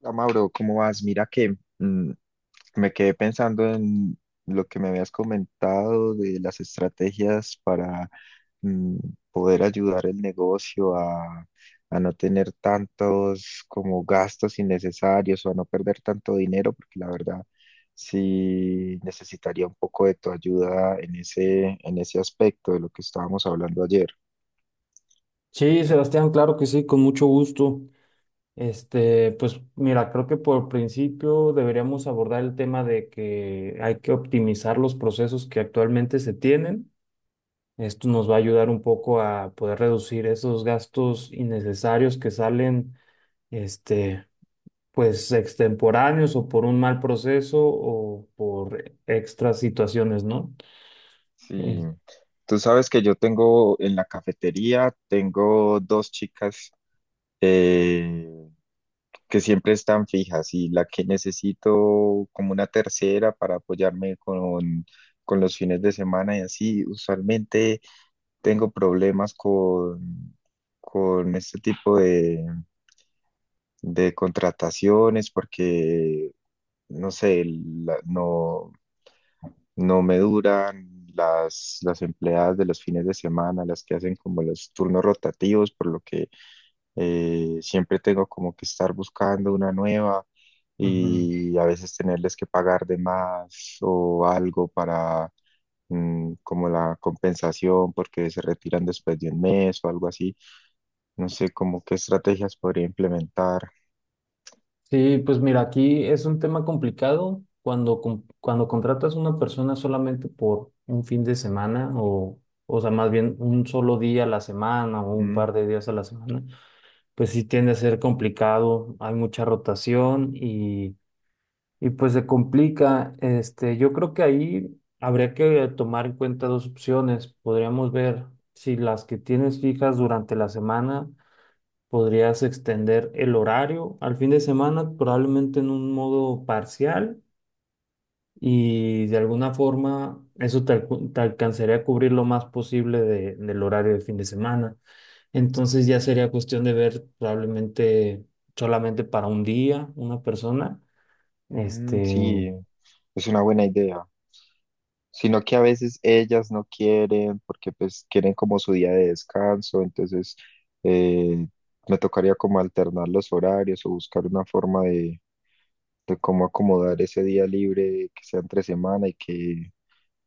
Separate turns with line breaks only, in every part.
Hola, Mauro, ¿cómo vas? Mira que me quedé pensando en lo que me habías comentado de las estrategias para mm, poder ayudar el negocio a no tener tantos como gastos innecesarios o a no perder tanto dinero, porque la verdad sí necesitaría un poco de tu ayuda en ese aspecto de lo que estábamos hablando ayer.
Sí, Sebastián, claro que sí, con mucho gusto. Este, pues mira, creo que por principio deberíamos abordar el tema de que hay que optimizar los procesos que actualmente se tienen. Esto nos va a ayudar un poco a poder reducir esos gastos innecesarios que salen, este, pues extemporáneos o por un mal proceso o por extras situaciones, ¿no?
Sí,
Eh,
tú sabes que yo tengo en la cafetería, tengo dos chicas eh, que siempre están fijas y la que necesito como una tercera para apoyarme con los fines de semana y así, usualmente tengo problemas con este tipo de contrataciones porque, no sé, no, no me duran. Las empleadas de los fines de semana, las que hacen como los turnos rotativos, por lo que siempre tengo como que estar buscando una nueva
Ujú.
y a veces tenerles que pagar de más o algo para como la compensación porque se retiran después de un mes o algo así. No sé como qué estrategias podría implementar.
Sí, pues mira, aquí es un tema complicado cuando contratas a una persona solamente por un fin de semana o sea, más bien un solo día a la semana o un
Ujú.
par de días a la semana, pues sí tiende a ser complicado, hay mucha rotación y pues se complica. Este, yo creo que ahí habría que tomar en cuenta dos opciones. Podríamos ver si las que tienes fijas durante la semana podrías extender el horario al fin de semana, probablemente en un modo parcial, y de alguna forma eso te alcanzaría a cubrir lo más posible de- del horario de fin de semana. Entonces ya sería cuestión de ver probablemente solamente para un día una persona.
Mm,
Este,
sí, es una buena idea. Sino que a veces ellas no quieren porque pues quieren como su día de descanso, entonces eh, me tocaría como alternar los horarios o buscar una forma de cómo acomodar ese día libre que sea entre semana y que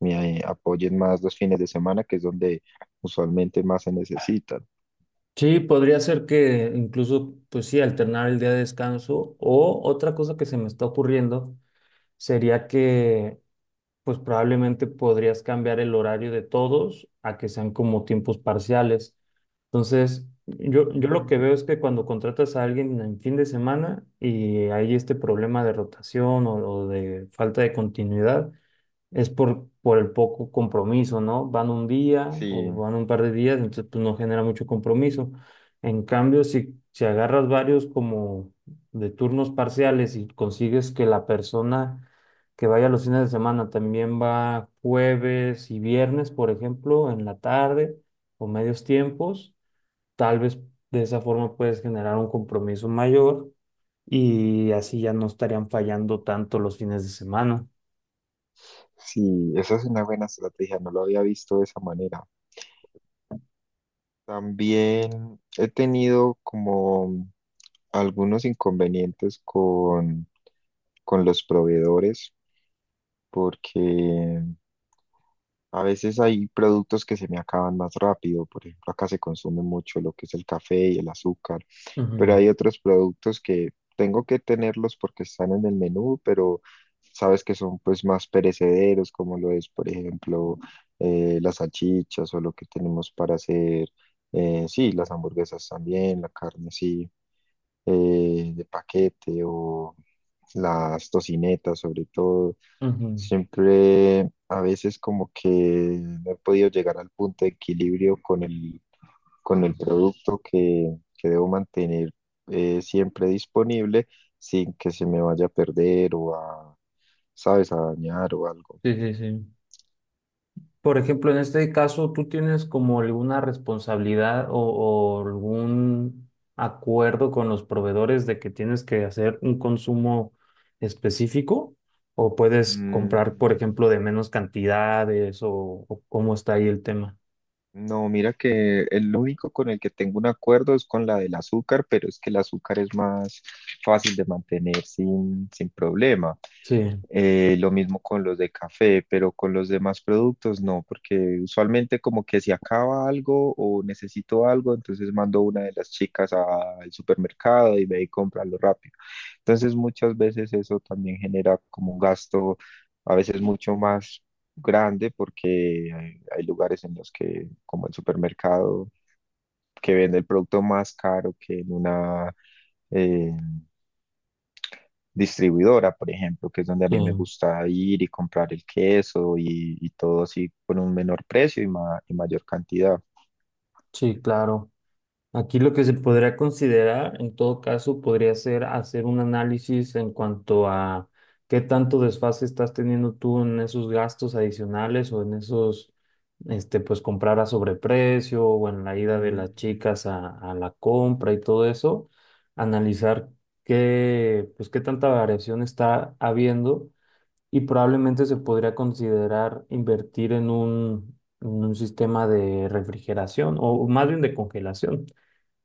me apoyen más los fines de semana, que es donde usualmente más se necesitan.
sí, podría ser que incluso, pues sí, alternar el día de descanso o otra cosa que se me está ocurriendo sería que pues probablemente podrías cambiar el horario de todos a que sean como tiempos parciales. Entonces, yo lo que
Mm.
veo es que cuando contratas a alguien en fin de semana y hay este problema de rotación o de falta de continuidad, es por el poco compromiso, ¿no? Van un día
Sí,
o van un par de días, entonces pues no genera mucho compromiso. En cambio, si agarras varios como de turnos parciales y consigues que la persona que vaya los fines de semana también va jueves y viernes, por ejemplo, en la tarde o medios tiempos, tal vez de esa forma puedes generar un compromiso mayor y así ya no estarían fallando tanto los fines de semana.
sí, esa es una buena estrategia, no lo había visto de esa manera. También he tenido como algunos inconvenientes con los proveedores porque a veces hay productos que se me acaban más rápido. Por ejemplo, acá se consume mucho lo que es el café y el azúcar, pero
Ujú,
hay otros productos que tengo que tenerlos porque están en el menú, pero sabes que son pues más perecederos, como lo es, por ejemplo, las salchichas o lo que tenemos para hacer. Sí, las hamburguesas también, la carne, sí, de paquete o las tocinetas sobre todo,
ujú.
siempre a veces como que no he podido llegar al punto de equilibrio con el producto que debo mantener siempre disponible sin que se me vaya a perder o a, ¿sabes?, a dañar o algo.
Sí, sí, sí. Por ejemplo, en este caso, ¿tú tienes como alguna responsabilidad o algún acuerdo con los proveedores de que tienes que hacer un consumo específico? ¿O puedes comprar, por
Mm.
ejemplo, de menos cantidades o cómo está ahí el tema?
No, mira que el único con el que tengo un acuerdo es con la del azúcar, pero es que el azúcar es más fácil de mantener sin problema.
Sí,
Lo mismo con los de café, pero con los demás productos no, porque usualmente como que si acaba algo o necesito algo, entonces mando a una de las chicas a- al supermercado y ve y comprarlo rápido. Entonces muchas veces eso también genera como un gasto a veces mucho más grande porque hay lugares en los que, como el supermercado, que vende el producto más caro que en una eh, distribuidora, por ejemplo, que es donde a
sí,
mí me gusta ir y comprar el queso y todo así por un menor precio y mayor cantidad.
sí, claro. Aquí lo que se podría considerar, en todo caso, podría ser hacer un análisis en cuanto a qué tanto desfase estás teniendo tú en esos gastos adicionales o en esos, este, pues comprar a sobreprecio o en la ida de
Mm,
las chicas a la compra y todo eso. Analizar qué, pues qué tanta variación está habiendo y probablemente se podría considerar invertir en en un sistema de refrigeración o más bien de congelación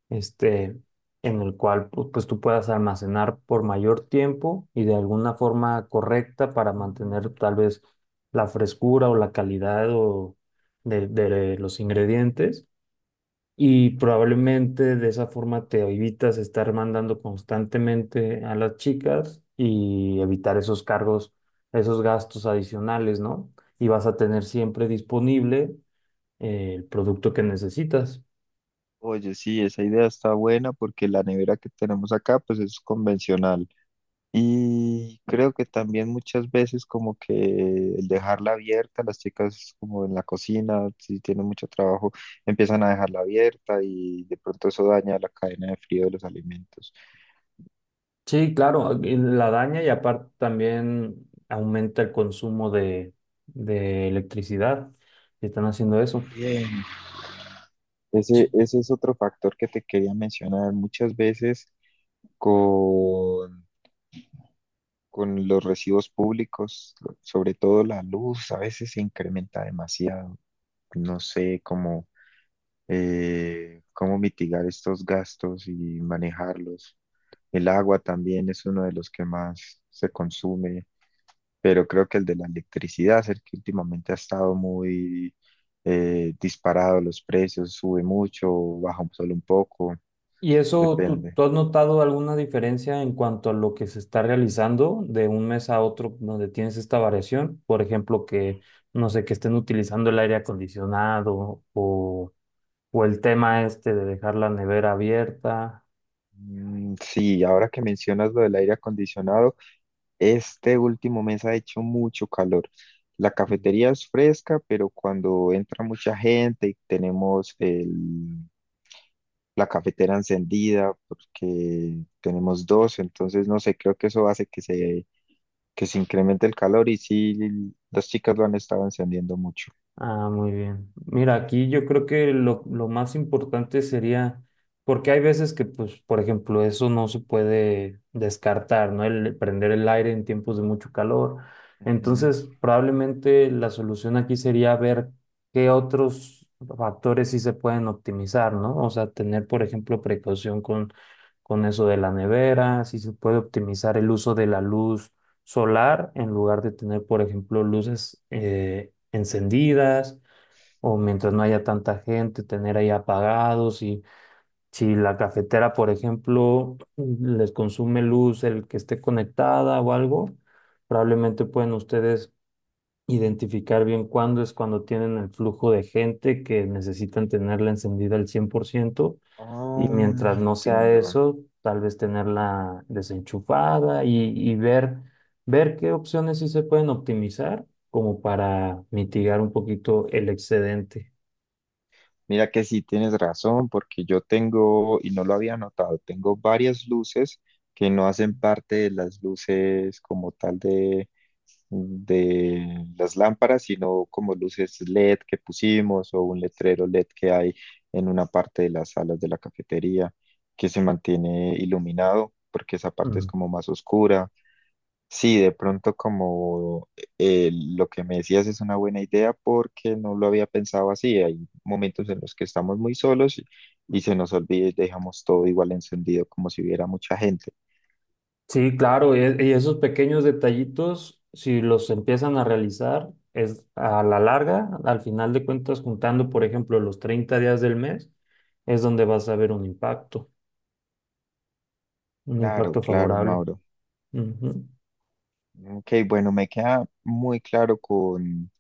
este, en el cual pues, tú puedas almacenar por mayor tiempo y de alguna forma correcta para
mm.
mantener tal vez la frescura o la calidad o de los ingredientes. Y probablemente de esa forma te evitas estar mandando constantemente a las chicas y evitar esos cargos, esos gastos adicionales, ¿no? Y vas a tener siempre disponible el producto que necesitas.
Oye, sí, esa idea está buena porque la nevera que tenemos acá pues es convencional. Y creo que también muchas veces como que el dejarla abierta, las chicas como en la cocina, si tienen mucho trabajo, empiezan a dejarla abierta y de pronto eso daña la cadena de frío de los alimentos.
Sí, claro, y la daña y aparte también aumenta el consumo de electricidad si están haciendo eso.
Bien.
Ch-
Ese es otro factor que te quería mencionar. Muchas veces con, con los recibos públicos, sobre todo la luz, a veces se incrementa demasiado. No sé, cómo cómo mitigar estos gastos y manejarlos. El agua también es uno de los que más se consume, pero creo que el de la electricidad es el que últimamente ha estado muy disparado los precios, sube mucho, baja solo un poco,
¿Y eso, tú,
depende.
tú has notado alguna diferencia en cuanto a lo que se está realizando de un mes a otro donde tienes esta variación? Por ejemplo, que, no sé, que estén utilizando el aire acondicionado o el tema este de dejar la nevera abierta.
Mm. Sí, ahora que mencionas lo del aire acondicionado, este último mes ha hecho mucho calor. La cafetería es fresca, pero cuando entra mucha gente y tenemos la cafetera encendida, porque tenemos dos, entonces no sé, creo que eso hace que se incremente el calor y sí, las chicas lo han estado encendiendo mucho.
Ah, muy bien. Mira, aquí yo creo que lo más importante sería, porque hay veces que, pues, por ejemplo, eso no se puede descartar, ¿no? El prender el aire en tiempos de mucho calor.
Ujú.
Entonces, probablemente la solución aquí sería ver qué otros factores sí se pueden optimizar, ¿no? O sea, tener, por ejemplo, precaución con eso de la nevera, si se puede optimizar el uso de la luz solar en lugar de tener, por ejemplo, luces encendidas o mientras no haya tanta gente, tener ahí apagados y si la cafetera, por ejemplo, les consume luz el que esté conectada o algo, probablemente pueden ustedes identificar bien cuándo es cuando tienen el flujo de gente que necesitan tenerla encendida al 100%
Oh,
y mientras no sea
entiendo.
eso, tal vez tenerla desenchufada y ver qué opciones sí se pueden optimizar como para mitigar un poquito el excedente.
Mira que sí tienes razón, porque yo tengo, y no lo había notado, tengo varias luces que no hacen parte de las luces como tal de las lámparas, sino como luces LED que pusimos o un letrero LED que hay en una parte de las salas de la cafetería que se mantiene iluminado, porque esa parte es
Mm.
como más oscura. Sí, de pronto como lo que me decías es una buena idea porque no lo había pensado así. Hay momentos en los que estamos muy solos y se nos olvida y dejamos todo igual encendido como si hubiera mucha gente.
Sí, claro, y esos pequeños detallitos, si los empiezan a realizar, es a la larga, al final de cuentas, juntando, por ejemplo, los 30 días del mes, es donde vas a ver un
Claro,
impacto
claro,
favorable.
Mauro.
Ujú,
Ok, bueno, me queda muy claro con...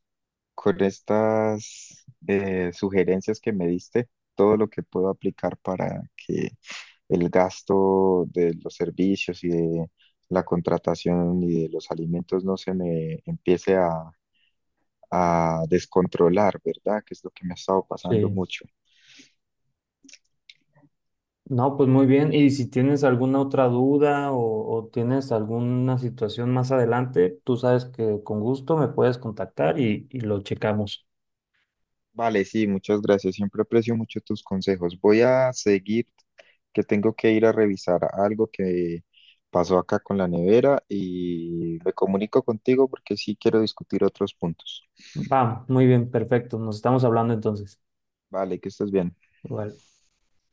Con estas sugerencias que me diste, todo lo que puedo aplicar para que el gasto de los servicios y de la contratación y de los alimentos no se me empiece a descontrolar, ¿verdad? Que es lo que me ha estado pasando
Sí.
mucho.
No, pues muy bien. Y si tienes alguna otra duda o tienes alguna situación más adelante, tú sabes que con gusto me puedes contactar y lo checamos.
Vale, sí, muchas gracias. Siempre aprecio mucho tus consejos. Voy a seguir, que tengo que ir a revisar algo que pasó acá con la nevera y me comunico contigo porque sí quiero discutir otros puntos.
Va, muy bien, perfecto. Nos estamos hablando entonces.
Vale, que estés bien.
Igual.